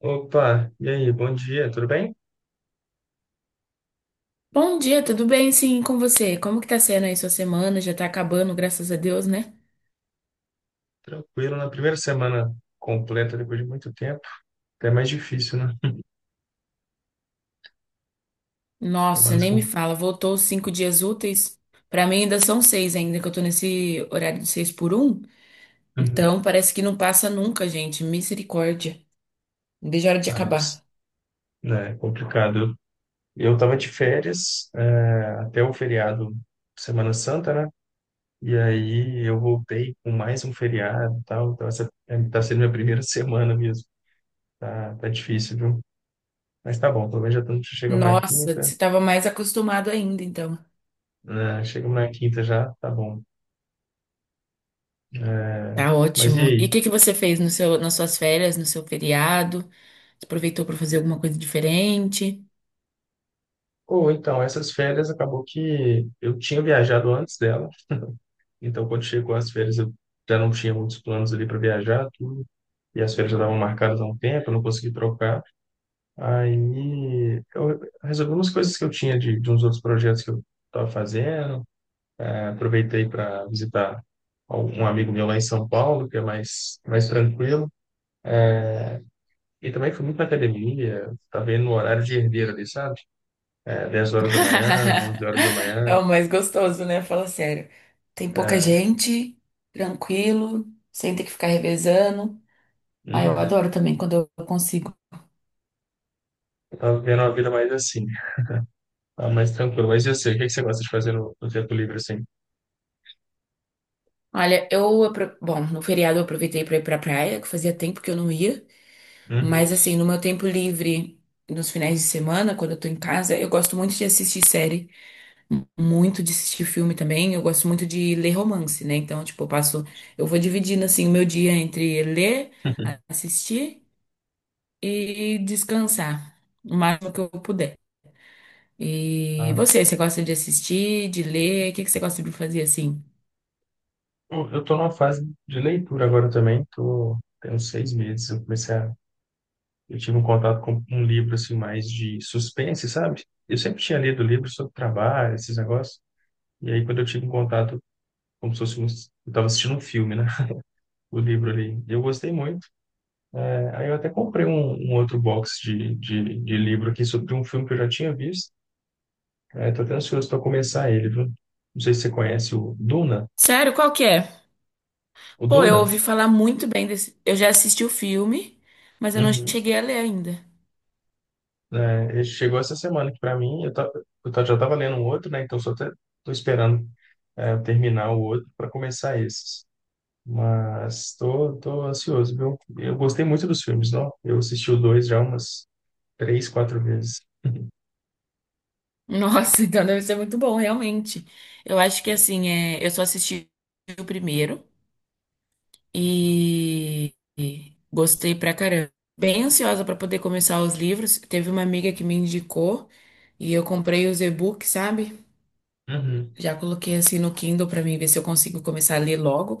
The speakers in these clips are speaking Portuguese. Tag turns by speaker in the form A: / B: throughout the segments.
A: Opa, e aí, bom dia, tudo bem?
B: Bom dia, tudo bem? Sim, com você? Como que tá sendo aí sua semana? Já tá acabando, graças a Deus, né?
A: Tranquilo, na primeira semana completa, depois de muito tempo, até mais difícil, né?
B: Nossa,
A: Semanas
B: nem
A: com...
B: me fala, voltou os cinco dias úteis. Pra mim ainda são seis ainda, que eu tô nesse horário de seis por um.
A: Uhum.
B: Então parece que não passa nunca, gente. Misericórdia. Não vejo a hora de
A: Ah, mas,
B: acabar.
A: né, é complicado. Eu tava de férias, até o feriado Semana Santa, né? E aí eu voltei com mais um feriado e tal, então tá sendo minha primeira semana mesmo, tá difícil, viu? Mas tá bom, pelo menos já estamos, chegamos na
B: Nossa,
A: quinta,
B: você tava mais acostumado ainda, então.
A: né? Chegamos na quinta já, tá bom. É,
B: Tá
A: mas e
B: ótimo. E o
A: aí?
B: que que você fez no seu, nas suas férias, no seu feriado? Você aproveitou pra fazer alguma coisa diferente?
A: Ou então, essas férias acabou que eu tinha viajado antes dela, então quando chegou as férias eu já não tinha muitos planos ali para viajar, tudo, e as férias já estavam marcadas há um tempo, eu não consegui trocar. Aí eu resolvi umas coisas que eu tinha de uns outros projetos que eu estava fazendo, aproveitei para visitar um amigo meu lá em São Paulo, que é mais tranquilo. E também fui muito na academia, tá vendo no horário de herdeiro ali, sabe? É, 10 horas da manhã, 11 horas da
B: É
A: manhã.
B: o mais gostoso, né? Fala sério. Tem pouca gente, tranquilo, sem ter que ficar revezando. Ah, eu
A: Uhum.
B: adoro também quando eu consigo.
A: Tava vivendo uma vida mais assim, tá mais tranquilo. Mas eu sei, o que é que você gosta de fazer no tempo livre, assim?
B: Olha, bom, no feriado eu aproveitei pra ir pra praia, que fazia tempo que eu não ia, mas
A: Uhum.
B: assim, no meu tempo livre, nos finais de semana, quando eu tô em casa, eu gosto muito de assistir série, muito de assistir filme também, eu gosto muito de ler romance, né? Então, tipo, eu vou dividindo assim o meu dia entre ler, assistir e descansar o máximo que eu puder. E
A: Ah,
B: você, você gosta de assistir, de ler? O que que você gosta de fazer assim?
A: eu tô numa fase de leitura agora também, tô, tem uns 6 meses, eu tive um contato com um livro, assim, mais de suspense, sabe? Eu sempre tinha lido livros sobre trabalho, esses negócios, e aí quando eu tive um contato, como se fosse um, eu tava assistindo um filme, né? O livro ali, eu gostei muito. É, aí eu até comprei um outro box de livro aqui sobre um filme que eu já tinha visto. É, tô até ansioso para começar ele, viu? Não sei se você conhece o Duna.
B: Sério, qual que é?
A: O
B: Pô, eu
A: Duna?
B: ouvi falar muito bem desse. Eu já assisti o filme, mas eu não
A: Uhum.
B: cheguei a ler ainda.
A: É, ele chegou essa semana aqui para mim. Já estava lendo um outro, né? Então só até tô esperando eu terminar o outro para começar esses. Mas tô ansioso, viu? Eu gostei muito dos filmes, não? Eu assisti o dois já umas três, quatro vezes.
B: Nossa, então deve ser muito bom, realmente. Eu acho que assim, é... eu só assisti o primeiro e gostei pra caramba. Bem ansiosa pra poder começar os livros. Teve uma amiga que me indicou e eu comprei os e-books, sabe?
A: Uhum.
B: Já coloquei assim no Kindle pra mim ver se eu consigo começar a ler logo.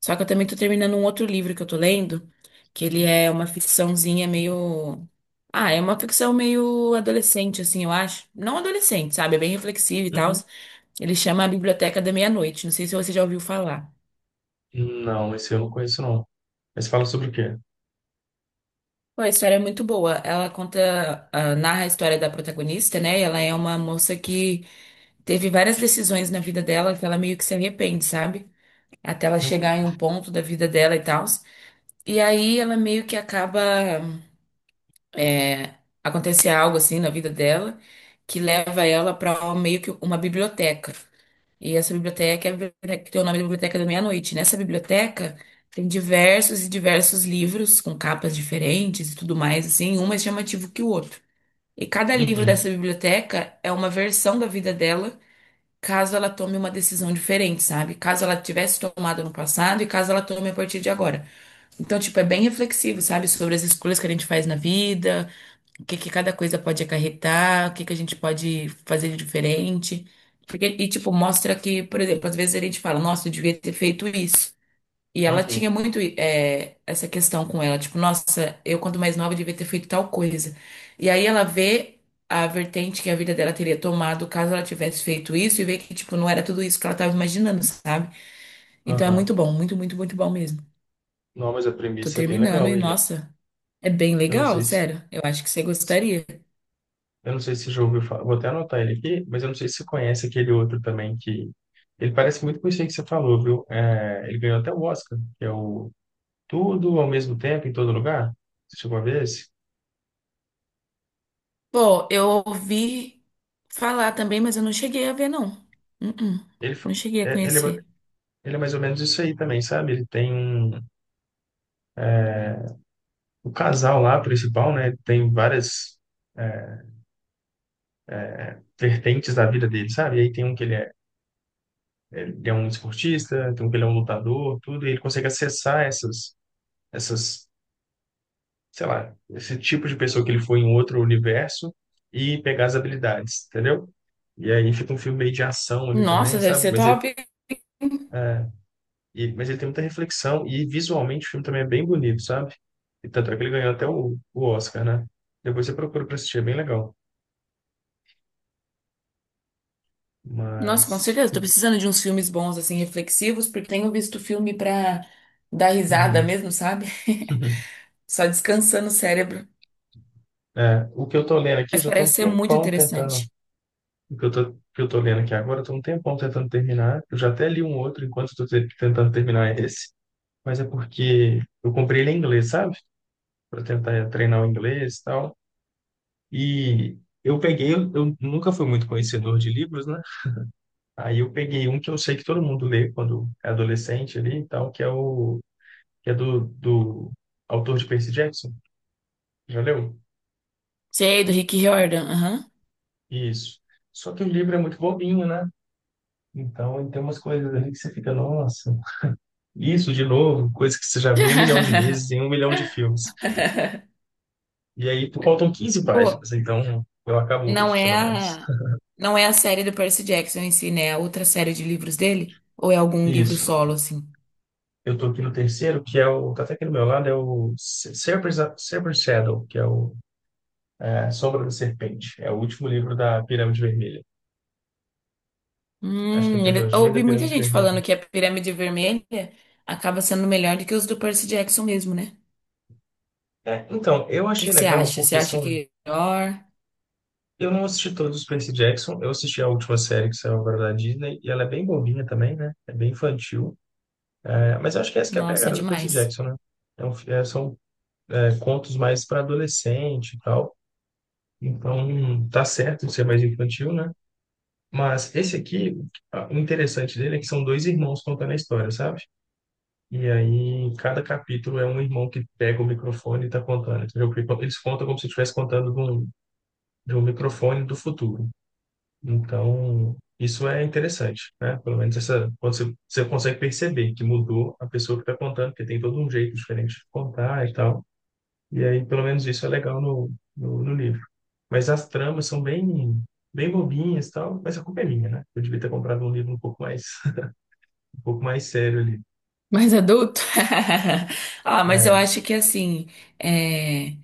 B: Só que eu também tô terminando um outro livro que eu tô lendo, que ele é uma ficçãozinha meio. Ah, é uma ficção meio adolescente, assim, eu acho. Não adolescente, sabe? É bem reflexivo e tal.
A: Uhum.
B: Ele chama A Biblioteca da Meia-Noite. Não sei se você já ouviu falar.
A: Não, esse eu não conheço, não. Mas fala sobre o quê?
B: Pô, a história é muito boa. Narra a história da protagonista, né? E ela é uma moça que teve várias decisões na vida dela que ela meio que se arrepende, sabe? Até ela
A: Uhum.
B: chegar em um ponto da vida dela e tal. E aí ela meio que acaba acontecer algo assim na vida dela que leva ela para meio que uma biblioteca. E essa biblioteca é a biblioteca que tem o nome da Biblioteca da Meia-Noite. Nessa biblioteca tem diversos e diversos livros com capas diferentes e tudo mais, assim, um mais chamativo que o outro. E cada livro dessa
A: Uhum.
B: biblioteca é uma versão da vida dela, caso ela tome uma decisão diferente, sabe? Caso ela tivesse tomado no passado e caso ela tome a partir de agora. Então, tipo, é bem reflexivo, sabe? Sobre as escolhas que a gente faz na vida, o que que cada coisa pode acarretar, o que que a gente pode fazer de diferente. Mostra que, por exemplo, às vezes a gente fala, nossa, eu devia ter feito isso. E ela tinha
A: Uhum.
B: muito, essa questão com ela, tipo, nossa, eu quando mais nova devia ter feito tal coisa. E aí ela vê a vertente que a vida dela teria tomado caso ela tivesse feito isso e vê que, tipo, não era tudo isso que ela tava imaginando, sabe? Então é muito
A: Aham.
B: bom, muito, muito, muito bom mesmo.
A: Não, mas a
B: Tô
A: premissa é bem
B: terminando
A: legal.
B: e, nossa. É bem
A: Eu não
B: legal,
A: sei se,
B: sério. Eu acho que você gostaria.
A: eu não sei se já ouviu falar. Vou até anotar ele aqui, mas eu não sei se você conhece aquele outro também que ele parece muito com isso aí que você falou, viu? É, ele ganhou até o Oscar, que é o Tudo ao Mesmo Tempo em Todo Lugar. Você chegou a ver esse?
B: Pô, eu ouvi falar também, mas eu não cheguei a ver, não. Uh-uh.
A: Ele, fa-
B: Não cheguei a
A: é, ele, é, ma-
B: conhecer.
A: ele é mais ou menos isso aí também, sabe? Ele tem um, o casal lá principal, né? Tem várias é, vertentes da vida dele, sabe? E aí tem um que ele é um esportista, tem um que ele é um lutador, tudo, e ele consegue acessar essas sei lá, esse tipo de pessoa que ele foi em outro universo e pegar as habilidades, entendeu? E aí fica um filme meio de ação ali
B: Nossa,
A: também,
B: deve
A: sabe?
B: ser top.
A: É, mas ele tem muita reflexão e visualmente o filme também é bem bonito, sabe? E tanto é que ele ganhou até o Oscar, né? Depois você procura pra assistir, é bem legal.
B: Nossa, com
A: Mas.
B: certeza. Tô precisando de uns filmes bons, assim, reflexivos, porque tenho visto filme pra dar risada
A: Uhum.
B: mesmo, sabe? Só descansando o cérebro.
A: É, o que eu tô lendo aqui, eu
B: Mas
A: já tô um
B: parece ser muito
A: tempão tentando.
B: interessante.
A: O que eu tô lendo aqui agora, eu tô um tempão tentando terminar. Eu já até li um outro enquanto eu tô tentando terminar esse. Mas é porque eu comprei ele em inglês, sabe? Para tentar treinar o inglês e tal. E eu peguei, eu nunca fui muito conhecedor de livros, né? Aí eu peguei um que eu sei que todo mundo lê quando é adolescente ali e tal, que é o que é do autor de Percy Jackson. Já leu?
B: Sei, do Rick Riordan. Aham.
A: Isso. Só que o livro é muito bobinho, né? Então, ele tem umas coisas ali que você fica, nossa, isso de novo, coisa que você já viu um milhão de vezes em um milhão de filmes. E aí, faltam 15
B: Pô,
A: páginas, então eu acabo hoje,
B: Não é
A: pelo menos.
B: a, não é a série do Percy Jackson em si, né? É outra série de livros dele? Ou é algum livro
A: Isso.
B: solo, assim?
A: Eu tô aqui no terceiro, que é o. Tá até aqui do meu lado, é o Serpent's Shadow, que é o a Sombra da Serpente. É o último livro da Pirâmide Vermelha. Acho que é a
B: Eu
A: trilogia da
B: ouvi muita
A: Pirâmide
B: gente
A: Vermelha.
B: falando que a Pirâmide Vermelha acaba sendo melhor do que os do Percy Jackson mesmo, né?
A: É, então,
B: O
A: eu
B: que
A: achei
B: que você
A: legal
B: acha? Você
A: porque
B: acha
A: são.
B: que é melhor?
A: Eu não assisti todos os Percy Jackson, eu assisti a última série que saiu agora da Disney, e ela é bem bobinha também, né? É bem infantil. É, mas eu acho que essa que é a
B: Nossa, é
A: pegada do Percy
B: demais.
A: Jackson, né? Então, são contos mais para adolescente e tal. Então, tá certo de ser mais infantil, né? Mas esse aqui, o interessante dele é que são dois irmãos contando a história, sabe? E aí, cada capítulo é um irmão que pega o microfone e está contando, entendeu? Porque eles contam como se estivesse contando de um microfone do futuro. Então, isso é interessante, né? Pelo menos essa, quando você consegue perceber que mudou a pessoa que está contando, porque tem todo um jeito diferente de contar e tal. E aí, pelo menos isso é legal no livro. Mas as tramas são bem bobinhas e tal, mas a culpa é minha, né? Eu devia ter comprado um livro um pouco mais, um pouco mais sério ali.
B: Mais adulto? Ah, mas eu
A: É.
B: acho que assim, é.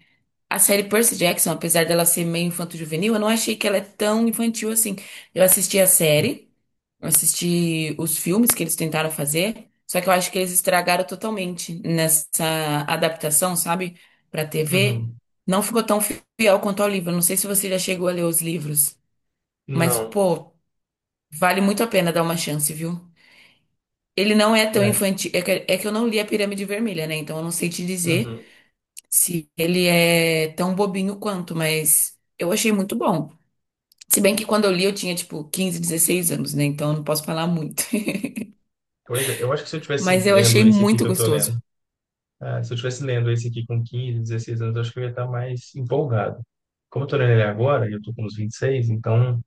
B: A série Percy Jackson, apesar dela ser meio infanto-juvenil, eu não achei que ela é tão infantil assim. Eu assisti a série, eu assisti os filmes que eles tentaram fazer, só que eu acho que eles estragaram totalmente nessa adaptação, sabe, pra TV.
A: Uhum.
B: Não ficou tão fiel quanto ao livro. Eu não sei se você já chegou a ler os livros, mas,
A: Não.
B: pô, vale muito a pena dar uma chance, viu? Ele não é tão
A: É.
B: infantil. É que eu não li a Pirâmide Vermelha, né? Então eu não sei te dizer
A: Uhum.
B: se ele é tão bobinho quanto, mas eu achei muito bom. Se bem que quando eu li eu tinha tipo 15, 16 anos, né? Então eu não posso falar muito.
A: Pois é, eu acho que se eu tivesse
B: Mas eu
A: lendo
B: achei
A: esse aqui
B: muito
A: que eu tô lendo,
B: gostoso.
A: ah, se eu tivesse lendo esse aqui com 15, 16 anos, eu acho que eu ia estar mais empolgado. Como eu tô lendo ele agora, e eu tô com uns 26 então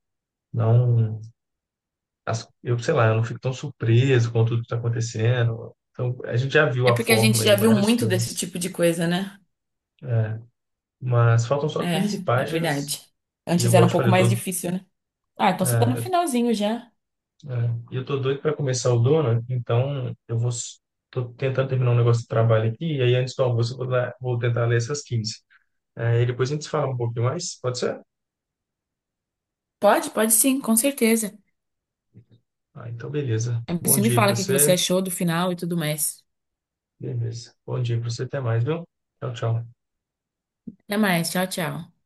A: não, eu sei lá, eu não fico tão surpreso com tudo que tá acontecendo. Então, a gente já viu
B: É
A: a
B: porque a gente
A: fórmula
B: já
A: em
B: viu
A: vários
B: muito desse
A: filmes.
B: tipo de coisa, né?
A: É, mas faltam só 15
B: É, é
A: páginas
B: verdade.
A: e
B: Antes
A: igual
B: era
A: eu
B: um
A: te
B: pouco
A: falei, eu
B: mais
A: tô,
B: difícil, né? Ah, então você tá no
A: é, é,
B: finalzinho já.
A: e eu tô doido para começar o Dona, então eu vou tô tentando terminar um negócio de trabalho aqui e aí antes do almoço eu vou, vou tentar ler essas quinze. É, e depois a gente se fala um pouquinho mais, pode ser?
B: Pode, pode sim, com certeza.
A: Ah, então beleza. Bom
B: Você me
A: dia
B: fala
A: para
B: o que que você
A: você.
B: achou do final e tudo mais.
A: Beleza. Bom dia para você, até mais, viu? Tchau, tchau.
B: Até mais, tchau, tchau.